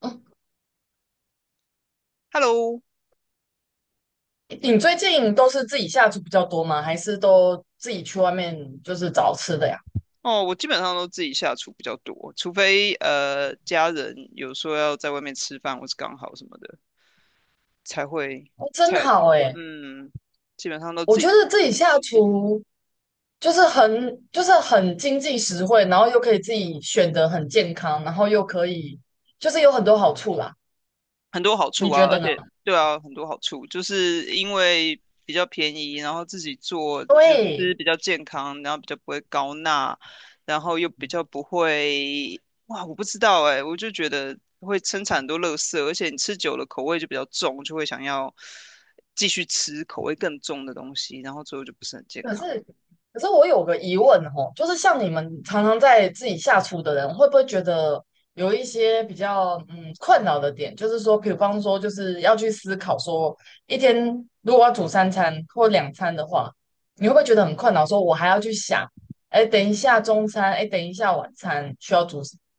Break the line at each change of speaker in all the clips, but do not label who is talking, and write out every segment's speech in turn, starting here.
嗯，
Hello。
你最近都是自己下厨比较多吗？还是都自己去外面就是找吃的呀？
哦，我基本上都自己下厨比较多，除非家人有说要在外面吃饭或是刚好什么的，才会
哦，真
才
好哎！
嗯，基本上都
我
自
觉
己
得自己下厨就是很经济实惠，然后又可以自己选择很健康，然后又可以就是有很多好处啦。
很多好处
你觉
啊。
得
而
呢？
且对啊，很多好处，就是因为比较便宜，然后自己做就吃
对。
比较健康，然后比较不会高钠，然后又比较不会，哇，我不知道哎、我就觉得会生产很多垃圾，而且你吃久了口味就比较重，就会想要继续吃口味更重的东西，然后最后就不是很健
可
康。
是，可是我有个疑问哦，就是像你们常常在自己下厨的人，会不会觉得有一些比较困扰的点？就是说，比方说，就是要去思考说，一天如果要煮三餐或两餐的话，你会不会觉得很困扰？说我还要去想，哎，等一下中餐，哎，等一下晚餐需要煮什么？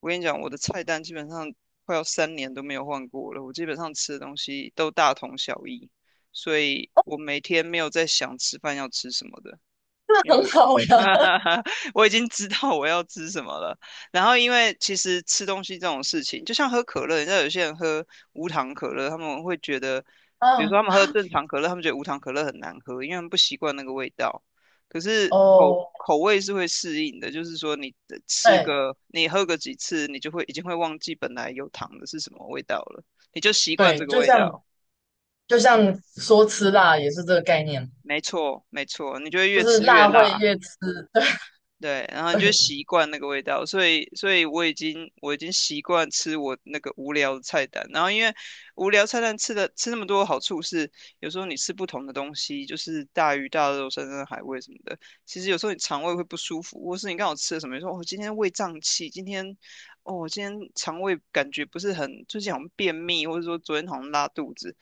我跟你讲，我的菜单基本上快要三年都没有换过了，我基本上吃的东西都大同小异，所以我每天没有在想吃饭要吃什么的，因
那
为
很
我
好呀。
我已经知道我要吃什么了。然后，因为其实吃东西这种事情，就像喝可乐，你知道有些人喝无糖可乐，他们会觉得，比如说
啊，
他们喝正常可乐，他们觉得无糖可乐很难喝，因为他们不习惯那个味道。可是口
哦，
口味是会适应的，就是说你的吃
对
个，你喝个几次，你就会已经会忘记本来有糖的是什么味道了，你就习惯这
对。
个
就
味道。
像就像
嗯，
说吃辣也是这个概念，
没错，没错，你就会
就
越
是
吃越
辣会
辣。
越吃，对
对，然后你就
对。
习惯那个味道，所以我已经习惯吃我那个无聊的菜单，然后因为无聊菜单吃的吃那么多的好处是，有时候你吃不同的东西，就是大鱼大肉、山珍海味什么的，其实有时候你肠胃会不舒服，或是你刚好吃了什么，你说哦今天胃胀气，今天哦今天肠胃感觉不是很，最近好像便秘，或者说昨天好像拉肚子，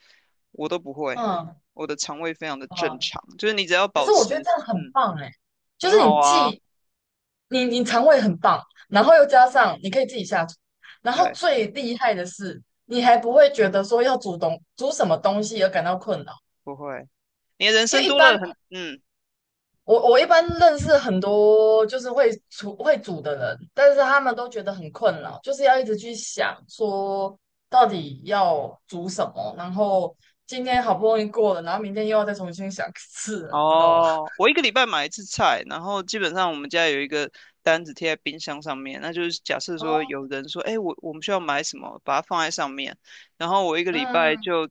我都不会，
嗯，
我的肠胃非常的正
啊，
常，就是你只要
可
保
是我觉得
持
这样很
嗯
棒哎，就
很
是你
好啊。
既你你肠胃很棒，然后又加上你可以自己下厨，然后
对。
最厉害的是你还不会觉得说要煮东煮什么东西而感到困扰。
不会，你的人
因
生
为一
多
般
了很，嗯，
我一般认识很多就是会厨会煮的人，但是他们都觉得很困扰，就是要一直去想说到底要煮什么，然后今天好不容易过了，然后明天又要再重新想一次了，你知道吗？
哦，我一个礼拜买一次菜，然后基本上我们家有一个单子贴在冰箱上面，那就是假设说
哦。
有人说，哎，我们需要买什么，把它放在上面，然后我一个礼拜
嗯，
就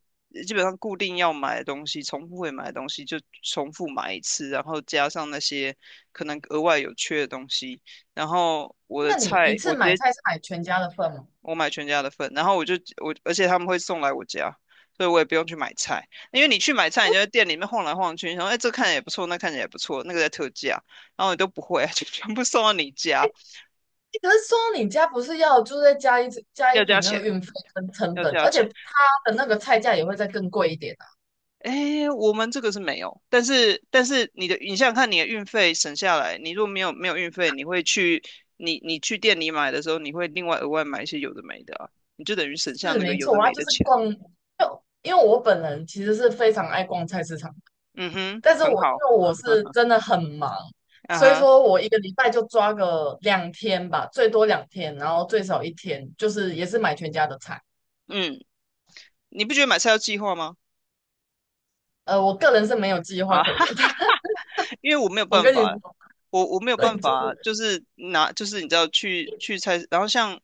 基本上固定要买的东西，重复会买的东西就重复买一次，然后加上那些可能额外有缺的东西，然后我的
那你
菜
一次
我直
买
接
菜是买全家的份吗？
我买全家的份，然后我就我，而且他们会送来我家，所以我也不用去买菜，因为你去买菜，你就
我
在店里面晃来晃去，然后哎，这看起来也不错，那看起来也不错，那个在特价，然后你都不会，就全部送到你家，
可是说你家不是要就是再加一加一
要
笔
加
那个
钱，
运费跟成
要
本，
加
而且
钱。
他的那个菜价也会再更贵一点啊。
哎，我们这个是没有，但是你的，你想想看，你的运费省下来，你如果没有运费，你会去你去店里买的时候，你会另外额外买一些有的没的啊，你就等于省下
是
那个
没
有的
错，它
没
就
的
是
钱。
逛，就因为我本人其实是非常爱逛菜市场，
嗯哼，
但是
很
我因
好，
为我是 真的很忙，
啊
所以
哈，
说我一个礼拜就抓个两天吧，最多两天，然后最少一天，就是也是买全家的菜。
嗯。你不觉得买菜要计划吗？
我个人是没有计划
啊，
可言的，
因为我没有
我
办
跟你
法
说，
我没有办
对，就
法，
是
就是拿，就是你知道去菜市，然后像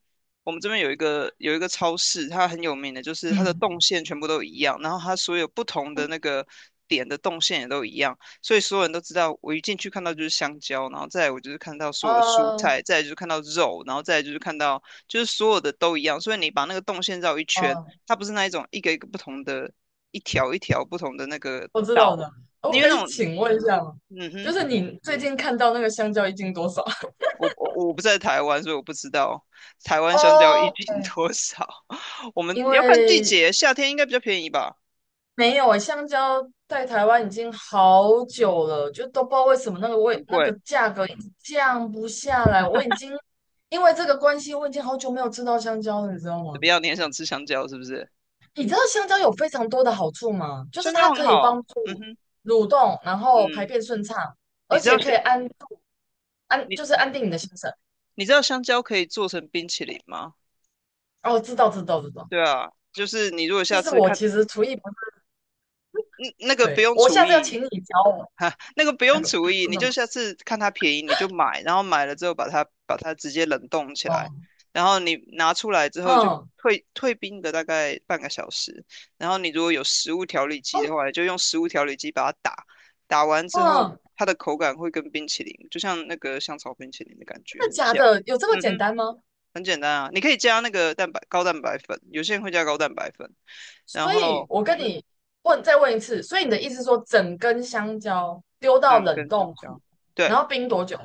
我们这边有一个有一个超市，它很有名的，就是它的动
嗯。
线全部都一样，然后它所有不同的那个点的动线也都一样，所以所有人都知道，我一进去看到就是香蕉，然后再来我就是看到所有的蔬
啊
菜，再来就是看到肉，然后再来就是看到就是所有的都一样，所以你把那个动线绕一圈，
啊，
它不是那一种一个一个不同的，一条一条不同的那个
我知道
道，
的。哦，我
因为
可
那
以
种
请问一下吗？
嗯
就
哼。
是你最近看到那个香蕉一斤多少？
我不在台湾，所以我不知道台 湾香蕉一
哦，
斤多少。我们
因
要看季
为
节，夏天应该比较便宜吧，
没有诶，香蕉在台湾已经好久了，就都不知道为什么那个味
很
那个
贵。
价格一直降不下来。我已经因为这个关系，我已经好久没有吃到香蕉了，你知道
怎
吗？
么样？你很想吃香蕉是不是？
你知道香蕉有非常多的好处吗？就是
香蕉
它
很
可以
好，
帮
嗯
助
哼，
蠕动，然后排
嗯，
便顺畅，
你
而
知道
且
香
可以安安
你
就是安定你的心神。
你知道香蕉可以做成冰淇淋吗？
哦，知道知道知道。
对啊，就是你如果
但
下
是
次
我
看，
其实厨艺不是。
嗯，那个不
对，
用
我
厨
下次要
艺，
请你教我。
哈，那个不
哎，
用
不，
厨艺，
真
你
的
就
吗？
下次看它便宜你就买，然后买了之后把它直接冷冻起来，
哦，
然后你拿出来之后就
嗯，
退冰个大概半个小时，然后你如果有食物调理
哦，
机的话，你就用食物调理机把它打，打完之后
嗯，
它的口感会跟冰淇淋，就像那个香草冰淇淋的感觉
真
很
的假
像。
的？有这么
嗯
简
哼，
单吗？
很简单啊，你可以加那个高蛋白粉，有些人会加高蛋白粉，然
所以，
后
我
嗯
跟
哼，
你问，再问一次，所以你的意思是说，整根香蕉丢
这
到
样
冷
跟香
冻库，
蕉，
然
对。
后冰多久？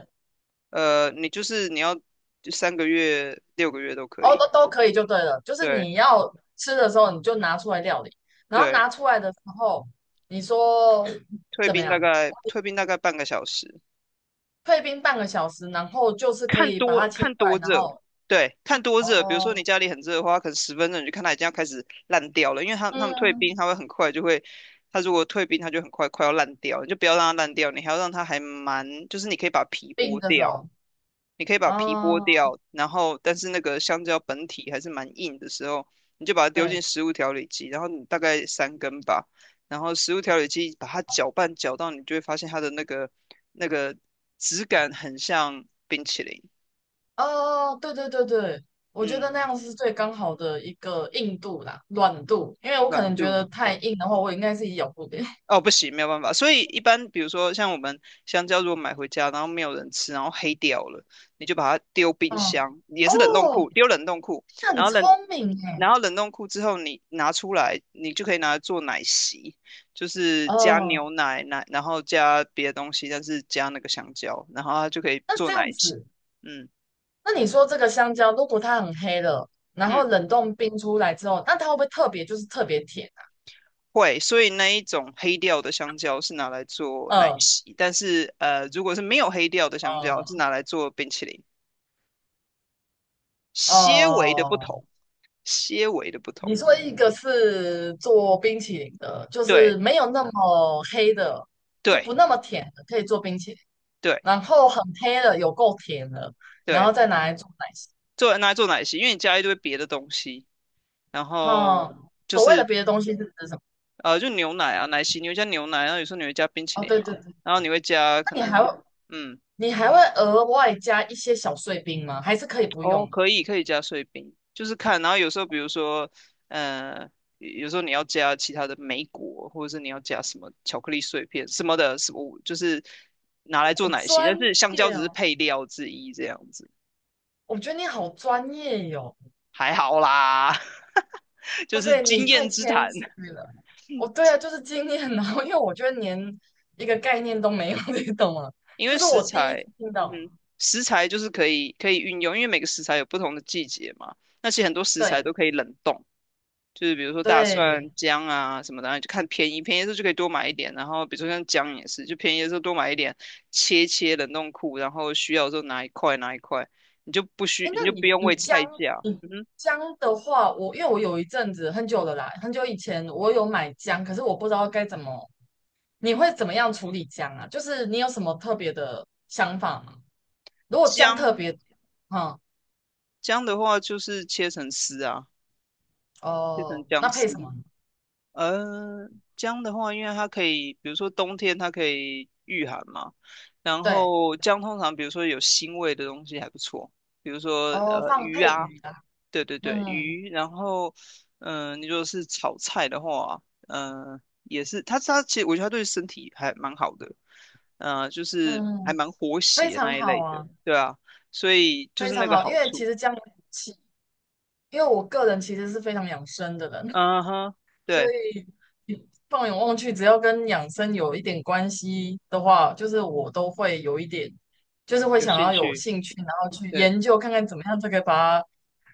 呃，你就是你要三个月、六个月都可
哦，
以。
都可以就对了，就是
对
你要吃的时候你就拿出来料理，然后
对，
拿出来的时候，你说
退
怎么
兵大
样？
概退兵大概半个小时，
退冰半个小时，然后就是可
看
以把
多
它切
看
块，
多
然
热，
后
对，看多热。比如说你
哦，
家里很热的话，可能十分钟你就看它已经要开始烂掉了，因为他们退冰，
嗯，
它会很快就会，它如果退冰，它就快要烂掉，你就不要让它烂掉，你还要让它还蛮，就是你可以把皮
冰
剥
的时
掉。
候，
你可以把皮剥
哦，
掉，然后但是那个香蕉本体还是蛮硬的时候，你就把它丢进
对，
食物调理机，然后你大概三根吧，然后食物调理机把它搅拌搅到，你就会发现它的那个质感很像冰淇淋，
哦，对对对对，我觉得那
嗯，
样是最刚好的一个硬度啦，软度，因为我可
软
能觉得
度。
太硬的话，我应该是咬不了。
哦，不行，没有办法。所以一般，比如说像我们香蕉，如果买回家，然后没有人吃，然后黑掉了，你就把它丢冰
嗯。
箱，也
哦，
是冷冻库，丢冷冻库，
那很
然后
聪
冷，
明耶。
然后冷冻库之后，你拿出来，你就可以拿来做奶昔，就是加
哦，
牛奶，奶，然后加别的东西，但是加那个香蕉，然后它就可以
那
做
这
奶
样
昔。
子，
嗯
那你说这个香蕉，如果它很黑了，然后
嗯，
冷冻冰出来之后，那它会不会特别就是特别甜啊？
会。所以那一种黑掉的香蕉是拿来做奶
呃
昔，但是如果是没有黑掉的香
呃
蕉，是拿来做冰淇淋。些微的不
哦，
同，些微的不同。
你说一个是做冰淇淋的，就
对
是没有那么黑的，就
对
不那么甜的，可以做冰淇淋。
对
然后很黑的，有够甜的，然后
对，
再拿来做奶昔。
做拿来做奶昔，因为你加一堆别的东西，然
哈，
后就
所谓的
是
别的东西是指什么？
就牛奶啊，奶昔你会加牛奶，然后有时候你会加冰淇
哦，
淋
对对
嘛，
对。
然后你会加可
那你还
能
会
嗯
你还会额外加一些小碎冰吗？还是可以不
哦，
用？
可以可以加碎冰，就是看，然后有时候比如说呃。有时候你要加其他的莓果，或者是你要加什么巧克力碎片什么的，什么就是拿来做
好
奶昔，但
专
是香蕉
业
只是
哦，
配料之一这样子。
我觉得你好专业哟，
还好啦，就
哇
是
塞，你
经
太
验之
谦
谈。
虚了。哦，对啊，就是经验，然后因为我觉得连一个概念都没有，你懂吗？
因
就
为
是
食
我第一
材，
次听
嗯
到。
哼，食材就是可以可以运用，因为每个食材有不同的季节嘛。那其实很多食材
对
都可以冷冻，就是比如说大
对，
蒜、姜啊什么的，然后就看便宜，便宜的时候就可以多买一点。然后比如说像姜也是，就便宜的时候多买一点，切切冷冻库，然后需要的时候拿一块，你就不需
哎，
你
那
就不用为菜价。
你
嗯哼，
姜的话，我因为我有一阵子很久了啦，很久以前我有买姜，可是我不知道该怎么，你会怎么样处理姜啊？就是你有什么特别的想法吗？如果姜特
姜
别，嗯，
姜的话就是切成丝啊，切成
哦，
姜
那配什
丝。
么？
呃，姜的话，因为它可以，比如说冬天它可以御寒嘛，然
对，
后姜通常比如说有腥味的东西还不错，比如说
哦，放
鱼
配
啊，
鱼啦，
对对对，
嗯
鱼，然后嗯、你如果是炒菜的话，嗯、呃，也是它其实我觉得它对身体还蛮好的，呃，就是
嗯。
还蛮活
非
血
常
那一
好
类的，
啊，
对啊，所以就
非
是那
常
个
好，因
好
为
处，
其实这样有福气，因为我个人其实是非常养生的人，
嗯哼，
所
对，
以你放眼望去，只要跟养生有一点关系的话，就是我都会有一点，就是会
有
想
兴
要有
趣。
兴趣，然后去
对。
研究看看怎么样才可以把它，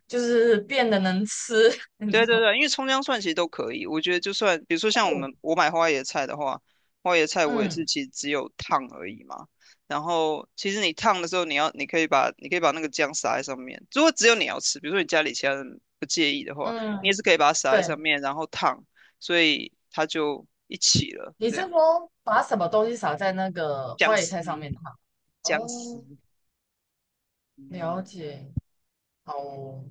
就是变得能吃，你知
对对
道吗？
对，因为葱姜蒜其实都可以，我觉得就算比如说像我们
哦，
我买花椰菜的话，花椰菜我也是
嗯
其实只有烫而已嘛。然后其实你烫的时候，你要你可以把你可以把那个酱撒在上面。如果只有你要吃，比如说你家里其他人不介意的话，你也
嗯，
是可以把它撒在
对，
上面，然后烫，所以它就一起了。
你
这
是
样
说把什么东西撒在那个
姜
花野菜上
丝
面的吗？
姜丝，
哦，了
嗯，
解。好哦，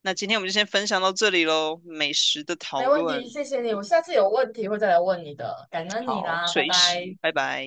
那今天我们就先分享到这里喽，美食的讨
没问题，
论，
谢谢你，我下次有问题会再来问你的，感恩你
好，
啦，拜
随时，
拜。
拜拜。